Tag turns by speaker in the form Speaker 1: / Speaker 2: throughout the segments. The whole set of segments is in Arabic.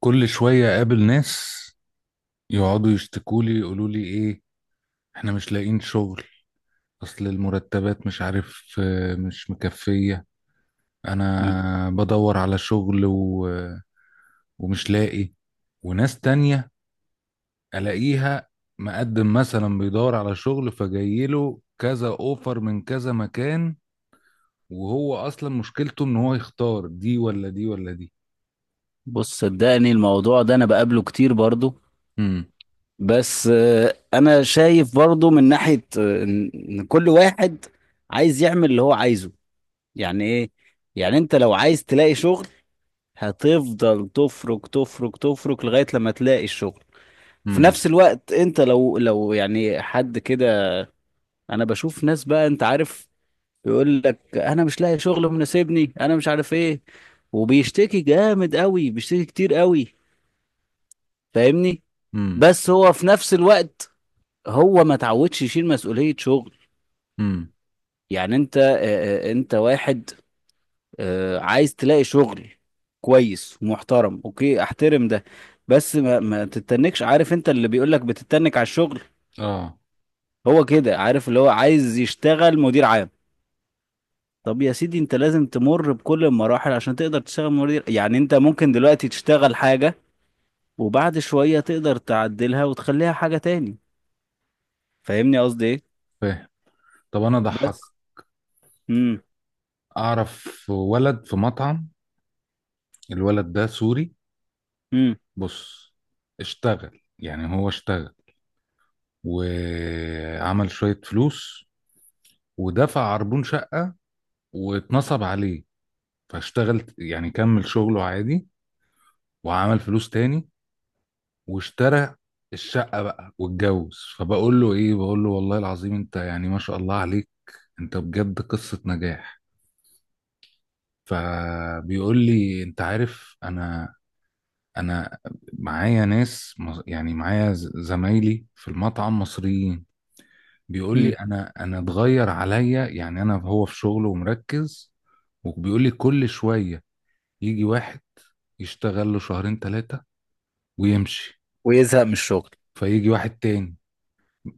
Speaker 1: كل شوية أقابل ناس يقعدوا يشتكولي يقولوا لي إيه، إحنا مش لاقيين شغل. أصل المرتبات مش عارف مش مكفية. أنا بدور على شغل ومش لاقي. وناس تانية ألاقيها مقدم مثلا بيدور على شغل فجايله كذا أوفر من كذا مكان، وهو أصلا مشكلته إن هو يختار دي ولا دي ولا دي.
Speaker 2: بص صدقني الموضوع ده انا بقابله كتير برضو.
Speaker 1: امم.
Speaker 2: بس انا شايف برضو من ناحية ان كل واحد عايز يعمل اللي هو عايزه. يعني ايه؟ يعني انت لو عايز تلاقي شغل، هتفضل تفرك تفرك تفرك لغاية لما تلاقي الشغل. في
Speaker 1: امم.
Speaker 2: نفس الوقت انت لو يعني حد كده، انا بشوف ناس بقى انت عارف، يقول لك انا مش لاقي شغل مناسبني انا مش عارف ايه، وبيشتكي جامد قوي بيشتكي كتير قوي، فاهمني.
Speaker 1: امم.
Speaker 2: بس هو في نفس الوقت هو ما تعودش يشيل مسؤولية شغل.
Speaker 1: امم.
Speaker 2: يعني انت انت واحد عايز تلاقي شغل كويس ومحترم، اوكي احترم ده. بس ما تتنكش، عارف انت اللي بيقولك بتتنك على الشغل،
Speaker 1: آه.
Speaker 2: هو كده عارف اللي هو عايز يشتغل مدير عام. طب يا سيدي انت لازم تمر بكل المراحل عشان تقدر تشتغل مدير. يعني انت ممكن دلوقتي تشتغل حاجة، وبعد شوية تقدر تعدلها وتخليها حاجة تاني. فاهمني قصدي ايه؟
Speaker 1: فاهم. طب أنا ضحك
Speaker 2: بس امم
Speaker 1: اعرف ولد في مطعم. الولد ده سوري. بص، اشتغل يعني هو اشتغل وعمل شوية فلوس ودفع عربون شقة واتنصب عليه. فاشتغل يعني كمل شغله عادي وعمل فلوس تاني واشترى الشقة بقى واتجوز. فبقول له ايه، بقول له والله العظيم انت يعني ما شاء الله عليك، انت بجد قصة نجاح. فبيقول لي انت عارف انا معايا ناس يعني معايا زمايلي في المطعم مصريين. بيقول لي
Speaker 2: امم
Speaker 1: انا اتغير عليا، يعني انا هو في شغله ومركز. وبيقول لي كل شوية يجي واحد يشتغل له شهرين ثلاثة ويمشي،
Speaker 2: ويزهق من الشغل.
Speaker 1: فيجي واحد تاني،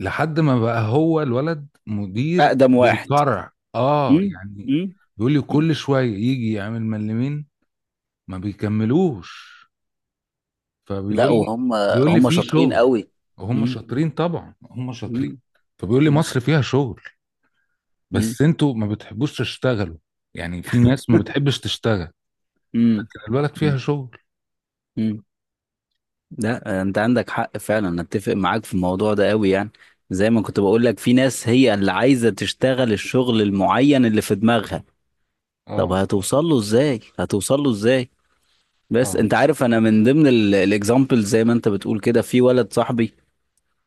Speaker 1: لحد ما بقى هو الولد مدير
Speaker 2: اقدم واحد.
Speaker 1: للفرع، اه
Speaker 2: مم.
Speaker 1: يعني.
Speaker 2: مم.
Speaker 1: بيقول لي
Speaker 2: مم.
Speaker 1: كل شوية يجي يعمل ملمين ما بيكملوش.
Speaker 2: لا
Speaker 1: فبيقول لي
Speaker 2: وهم.
Speaker 1: بيقول لي
Speaker 2: هم
Speaker 1: في
Speaker 2: شاطرين
Speaker 1: شغل.
Speaker 2: قوي.
Speaker 1: هم
Speaker 2: مم.
Speaker 1: شاطرين، طبعا هم شاطرين.
Speaker 2: مم.
Speaker 1: فبيقول لي
Speaker 2: مم.
Speaker 1: مصر فيها شغل
Speaker 2: مم.
Speaker 1: بس انتوا ما بتحبوش تشتغلوا. يعني في ناس ما بتحبش تشتغل،
Speaker 2: مم.
Speaker 1: لكن البلد
Speaker 2: مم.
Speaker 1: فيها شغل.
Speaker 2: مم. لا انت عندك حق فعلا، أنا اتفق معاك في الموضوع ده قوي يعني. زي ما كنت بقول لك، في ناس هي اللي عايزة تشتغل الشغل المعين اللي في دماغها. طب
Speaker 1: اه.
Speaker 2: هتوصل له ازاي؟ هتوصل له ازاي؟ بس
Speaker 1: اه.
Speaker 2: انت عارف، انا من ضمن الاكزامبل زي ما انت بتقول كده، في ولد صاحبي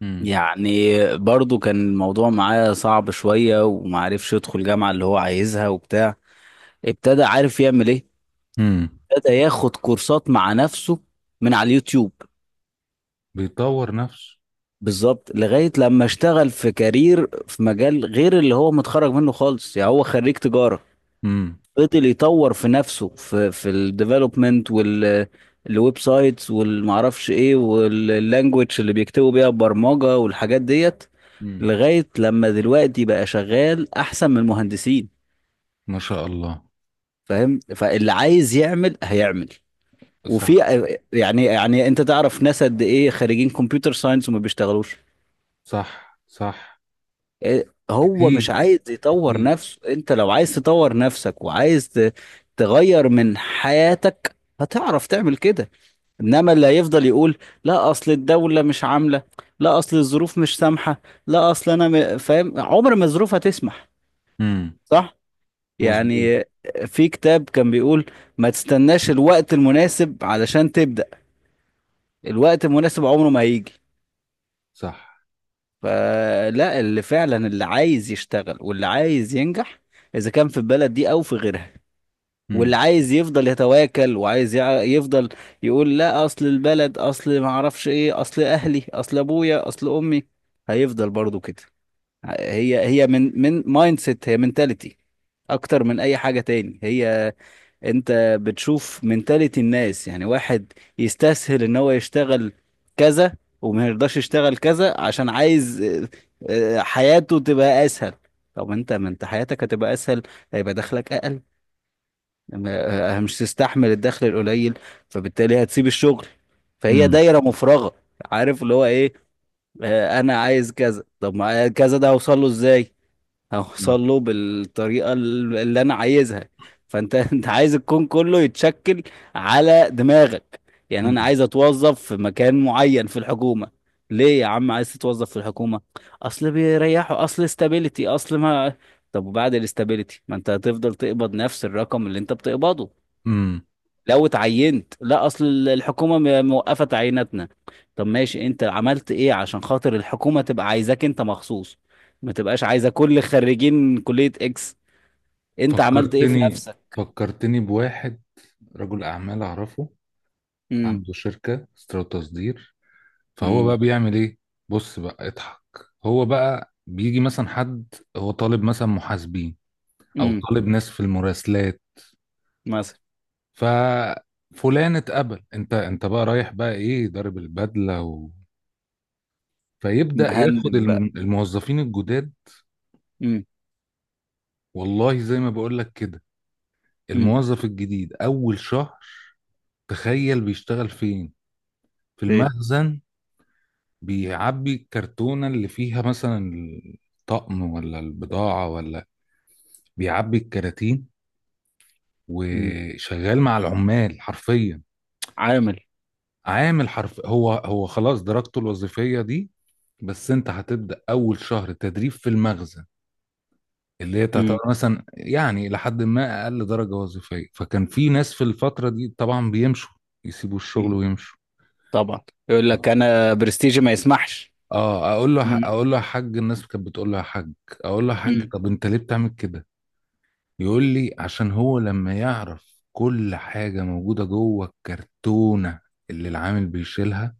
Speaker 1: امم.
Speaker 2: يعني، برضو كان الموضوع معاه صعب شوية ومعرفش يدخل جامعة اللي هو عايزها وبتاع. ابتدى عارف يعمل ايه؟
Speaker 1: امم.
Speaker 2: ابتدى ياخد كورسات مع نفسه من على اليوتيوب.
Speaker 1: بيطور نفسه.
Speaker 2: بالظبط، لغاية لما اشتغل في كارير في مجال غير اللي هو متخرج منه خالص، يعني هو خريج تجارة.
Speaker 1: امم.
Speaker 2: فضل يطور في نفسه، في الديفلوبمنت وال الويب سايتس والمعرفش ايه، واللانجوج اللي بيكتبوا بيها البرمجة والحاجات ديت.
Speaker 1: امم.
Speaker 2: لغاية لما دلوقتي بقى شغال احسن من المهندسين.
Speaker 1: ما شاء الله.
Speaker 2: فاهم؟ فاللي عايز يعمل هيعمل.
Speaker 1: صح.
Speaker 2: وفي يعني انت تعرف ناس قد ايه خريجين كمبيوتر ساينس وما بيشتغلوش.
Speaker 1: صح. صح.
Speaker 2: إيه، هو مش
Speaker 1: كتير.
Speaker 2: عايز يطور
Speaker 1: كتير.
Speaker 2: نفسه. انت لو عايز تطور نفسك وعايز تغير من حياتك، هتعرف تعمل كده. انما اللي هيفضل يقول لا اصل الدولة مش عاملة، لا اصل الظروف مش سامحة، لا اصل انا فاهم، عمر ما الظروف هتسمح.
Speaker 1: امم.
Speaker 2: صح؟
Speaker 1: مظبوط.
Speaker 2: يعني في كتاب كان بيقول، ما تستناش الوقت المناسب علشان تبدأ، الوقت المناسب عمره ما هيجي.
Speaker 1: صح.
Speaker 2: فلا اللي فعلا اللي عايز يشتغل واللي عايز ينجح، اذا كان في البلد دي او في غيرها، واللي
Speaker 1: امم.
Speaker 2: عايز يفضل يتواكل وعايز يفضل يقول لا اصل البلد، اصل ما اعرفش ايه، اصل اهلي، اصل ابويا، اصل امي، هيفضل برضو كده. هي من مايند سيت، هي منتاليتي اكتر من اي حاجة تاني. هي انت بتشوف منتاليتي الناس، يعني واحد يستسهل ان هو يشتغل كذا، وما يرضاش يشتغل كذا عشان عايز حياته تبقى اسهل. طب انت ما انت حياتك هتبقى اسهل، هيبقى دخلك اقل. مش تستحمل الدخل القليل، فبالتالي هتسيب الشغل. فهي
Speaker 1: امم.
Speaker 2: دايرة مفرغة. عارف اللي هو ايه؟ انا عايز كذا، طب ما كذا ده هوصل له ازاي؟ هوصل
Speaker 1: امم.
Speaker 2: له بالطريقة اللي انا عايزها. فانت انت عايز الكون كله يتشكل على دماغك. يعني انا
Speaker 1: امم.
Speaker 2: عايز اتوظف في مكان معين في الحكومة. ليه يا عم عايز تتوظف في الحكومة؟ اصل بيريحوا، اصل استابيليتي، اصل ما. طب وبعد الاستابيليتي ما انت هتفضل تقبض نفس الرقم اللي انت بتقبضه
Speaker 1: أمم.
Speaker 2: لو اتعينت. لا اصل الحكومه موقفه تعييناتنا. طب ماشي، انت عملت ايه عشان خاطر الحكومه تبقى عايزاك انت مخصوص؟ ما تبقاش عايزه كل خريجين كليه اكس. انت عملت ايه في
Speaker 1: فكرتني
Speaker 2: نفسك؟
Speaker 1: فكرتني بواحد رجل اعمال اعرفه،
Speaker 2: امم
Speaker 1: عنده شركة استيراد تصدير. فهو بقى
Speaker 2: امم
Speaker 1: بيعمل ايه؟ بص بقى اضحك. هو بقى بيجي مثلا حد، هو طالب مثلا محاسبين او
Speaker 2: امم
Speaker 1: طالب ناس في المراسلات.
Speaker 2: مثلا.
Speaker 1: ففلان اتقبل، انت بقى رايح بقى ايه ضارب البدلة فيبدأ ياخد
Speaker 2: مهندم بقى.
Speaker 1: الموظفين الجداد.
Speaker 2: امم
Speaker 1: والله زي ما بقول لك كده،
Speaker 2: امم
Speaker 1: الموظف الجديد اول شهر تخيل بيشتغل فين؟ في
Speaker 2: فين؟
Speaker 1: المخزن. بيعبي الكرتونة اللي فيها مثلا الطقم ولا البضاعة ولا، بيعبي الكراتين
Speaker 2: امم
Speaker 1: وشغال مع العمال حرفيا.
Speaker 2: عامل.
Speaker 1: عامل حرف، هو هو خلاص درجته الوظيفية دي. بس انت هتبدأ أول شهر تدريب في المخزن، اللي هي تعتبر
Speaker 2: امم
Speaker 1: مثلا يعني لحد ما أقل درجة وظيفية. فكان في ناس في الفترة دي طبعا بيمشوا، يسيبوا الشغل
Speaker 2: امم
Speaker 1: ويمشوا.
Speaker 2: طبعا. يقول لك انا برستيجي ما يسمحش.
Speaker 1: اه، اقول له
Speaker 2: امم
Speaker 1: اقول له يا حاج، الناس كانت بتقول له يا حاج، اقول له يا حاج،
Speaker 2: امم
Speaker 1: طب انت ليه بتعمل كده؟ يقول لي عشان هو لما يعرف كل حاجة موجودة جوه الكرتونة اللي العامل بيشيلها،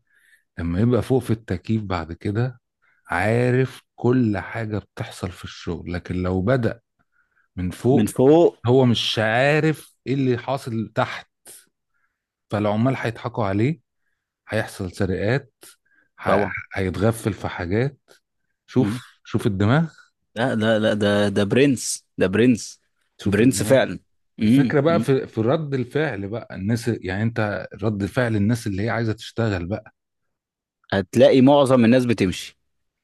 Speaker 1: لما يبقى فوق في التكييف بعد كده عارف كل حاجة بتحصل في الشغل. لكن لو بدأ من
Speaker 2: من
Speaker 1: فوق،
Speaker 2: فوق.
Speaker 1: هو مش عارف ايه اللي حاصل تحت، فالعمال هيضحكوا عليه، هيحصل سرقات، ه-
Speaker 2: طبعا.
Speaker 1: هيتغفل في حاجات. شوف شوف الدماغ.
Speaker 2: لا لا لا، ده برنس، ده برنس،
Speaker 1: شوف
Speaker 2: برنس
Speaker 1: الدماغ.
Speaker 2: فعلا.
Speaker 1: الفكرة بقى
Speaker 2: أمم.
Speaker 1: في رد الفعل بقى الناس، يعني انت رد فعل الناس اللي هي عايزة تشتغل بقى.
Speaker 2: هتلاقي معظم الناس بتمشي.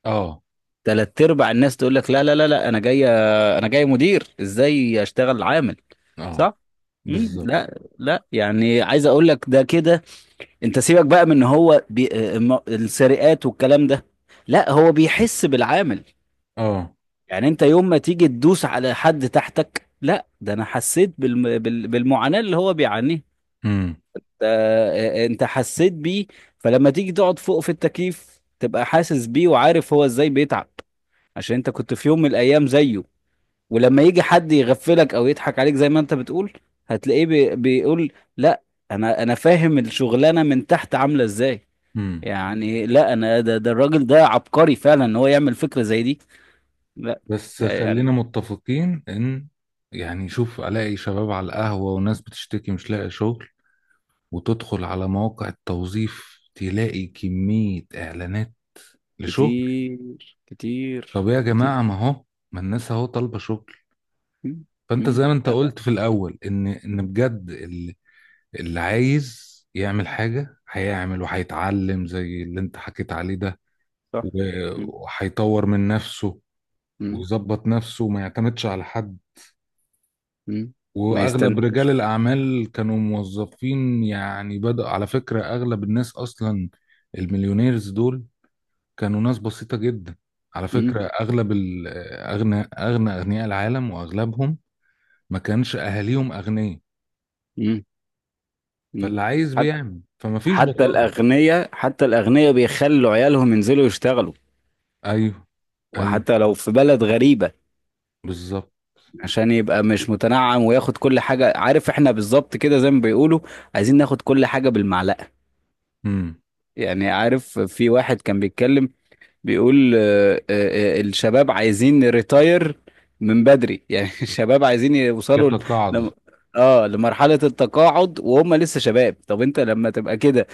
Speaker 1: اه.
Speaker 2: تلات ارباع الناس تقول لك لا لا لا لا، انا جاي، انا جاي مدير ازاي اشتغل عامل؟
Speaker 1: اه.
Speaker 2: صح.
Speaker 1: بالظبط.
Speaker 2: لا لا يعني عايز اقول لك، ده كده انت سيبك بقى من ان هو بي... السرقات والكلام ده. لا هو بيحس بالعامل.
Speaker 1: اه.
Speaker 2: يعني انت يوم ما تيجي تدوس على حد تحتك، لا ده انا حسيت بالم... بال... بالمعاناة اللي هو بيعانيه.
Speaker 1: امم.
Speaker 2: انت حسيت بيه. فلما تيجي تقعد فوق في التكييف، تبقى حاسس بيه وعارف هو ازاي بيتعب، عشان انت كنت في يوم من الايام زيه. ولما يجي حد يغفلك او يضحك عليك زي ما انت بتقول، هتلاقيه بيقول لا، انا فاهم الشغلانه من تحت عامله ازاي.
Speaker 1: امم.
Speaker 2: يعني لا انا ده الراجل ده عبقري فعلا ان هو يعمل فكره زي دي. لا
Speaker 1: بس
Speaker 2: لا
Speaker 1: خلينا
Speaker 2: يعني
Speaker 1: متفقين ان، يعني شوف، الاقي شباب على القهوة وناس بتشتكي مش لاقي شغل، وتدخل على مواقع التوظيف تلاقي كمية اعلانات لشغل.
Speaker 2: كتير
Speaker 1: طب
Speaker 2: كتير
Speaker 1: يا جماعة،
Speaker 2: كتير.
Speaker 1: ما هو، ما الناس اهو طالبة شغل.
Speaker 2: م-
Speaker 1: فانت
Speaker 2: م-
Speaker 1: زي ما انت قلت في الاول ان بجد اللي عايز يعمل حاجة هيعمل وهيتعلم زي اللي انت حكيت عليه ده.
Speaker 2: صح. م-
Speaker 1: وهيطور من نفسه،
Speaker 2: م-
Speaker 1: ويظبط نفسه وما يعتمدش على حد.
Speaker 2: م- ما
Speaker 1: واغلب رجال
Speaker 2: يستناش.
Speaker 1: الاعمال كانوا موظفين، يعني بدأ، على فكرة اغلب الناس اصلا، المليونيرز دول، كانوا ناس بسيطة جدا. على فكرة اغلب اغنى اغنياء العالم واغلبهم ما كانش اهاليهم اغنياء.
Speaker 2: مم. مم.
Speaker 1: فاللي عايز
Speaker 2: حت-
Speaker 1: بيعمل، فما فيش
Speaker 2: حتى
Speaker 1: بطاله.
Speaker 2: الأغنياء، حتى الأغنياء بيخلوا عيالهم ينزلوا يشتغلوا،
Speaker 1: ايوه. ايوه.
Speaker 2: وحتى لو في بلد غريبة،
Speaker 1: بالظبط.
Speaker 2: عشان يبقى مش متنعم وياخد كل حاجة. عارف احنا بالظبط كده زي ما بيقولوا، عايزين ناخد كل حاجة بالمعلقة. يعني عارف في واحد كان بيتكلم، بيقول الشباب عايزين ريتاير من بدري يعني الشباب عايزين يوصلوا ل...
Speaker 1: يتقاعدوا.
Speaker 2: لم- اه لمرحلة التقاعد وهم لسه شباب. طب انت لما تبقى كده؟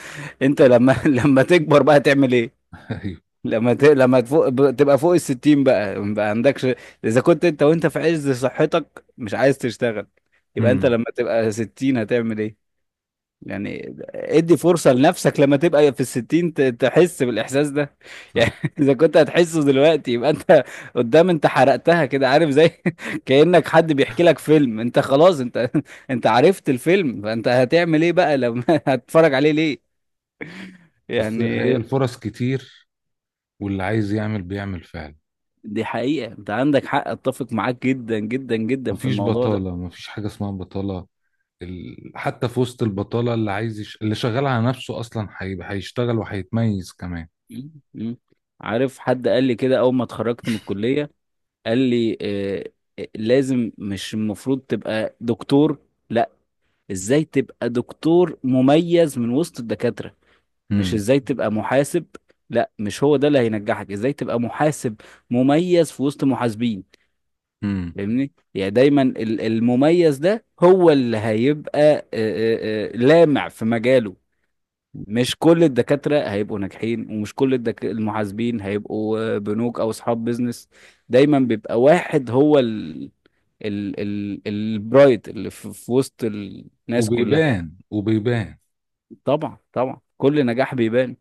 Speaker 2: انت لما لما تكبر بقى تعمل ايه؟
Speaker 1: ايوه.
Speaker 2: لما ت... لما تفوق تبقى فوق الستين بقى ما عندكش. اذا كنت انت وانت في عز صحتك مش عايز تشتغل، يبقى انت
Speaker 1: امم.
Speaker 2: لما تبقى ستين هتعمل ايه؟ يعني ادي فرصة لنفسك لما تبقى في الستين ت... تحس بالإحساس ده يعني
Speaker 1: صح.
Speaker 2: إذا كنت هتحسه دلوقتي، يبقى أنت قدام أنت حرقتها كده. عارف زي كأنك حد بيحكي لك فيلم، أنت خلاص أنت أنت عرفت الفيلم، فأنت هتعمل إيه بقى لما هتتفرج عليه ليه؟
Speaker 1: بس هي
Speaker 2: يعني
Speaker 1: الفرص كتير، واللي عايز يعمل بيعمل فعلا.
Speaker 2: دي حقيقة، انت عندك حق، اتفق معاك جدا جدا جدا في
Speaker 1: مفيش
Speaker 2: الموضوع ده.
Speaker 1: بطالة، مفيش حاجة اسمها بطالة. حتى في وسط البطالة، اللي شغال على نفسه أصلا هيشتغل وهيتميز كمان.
Speaker 2: مم. مم. عارف حد قال لي كده اول ما اتخرجت من الكلية، قال لي لازم، مش المفروض تبقى دكتور، لا، ازاي تبقى دكتور مميز من وسط الدكاترة. مش
Speaker 1: امم.
Speaker 2: ازاي تبقى محاسب، لا، مش هو ده اللي هينجحك، ازاي تبقى محاسب مميز في وسط محاسبين.
Speaker 1: امم.
Speaker 2: فاهمني؟ يعني دايما المميز ده هو اللي هيبقى لامع في مجاله. مش كل الدكاترة هيبقوا ناجحين، ومش كل المحاسبين هيبقوا بنوك أو أصحاب بيزنس. دايما بيبقى واحد هو ال... ال... ال... البرايت اللي في... في وسط الناس كلها.
Speaker 1: وبيبان. وبيبان.
Speaker 2: طبعا طبعا كل نجاح بيبان.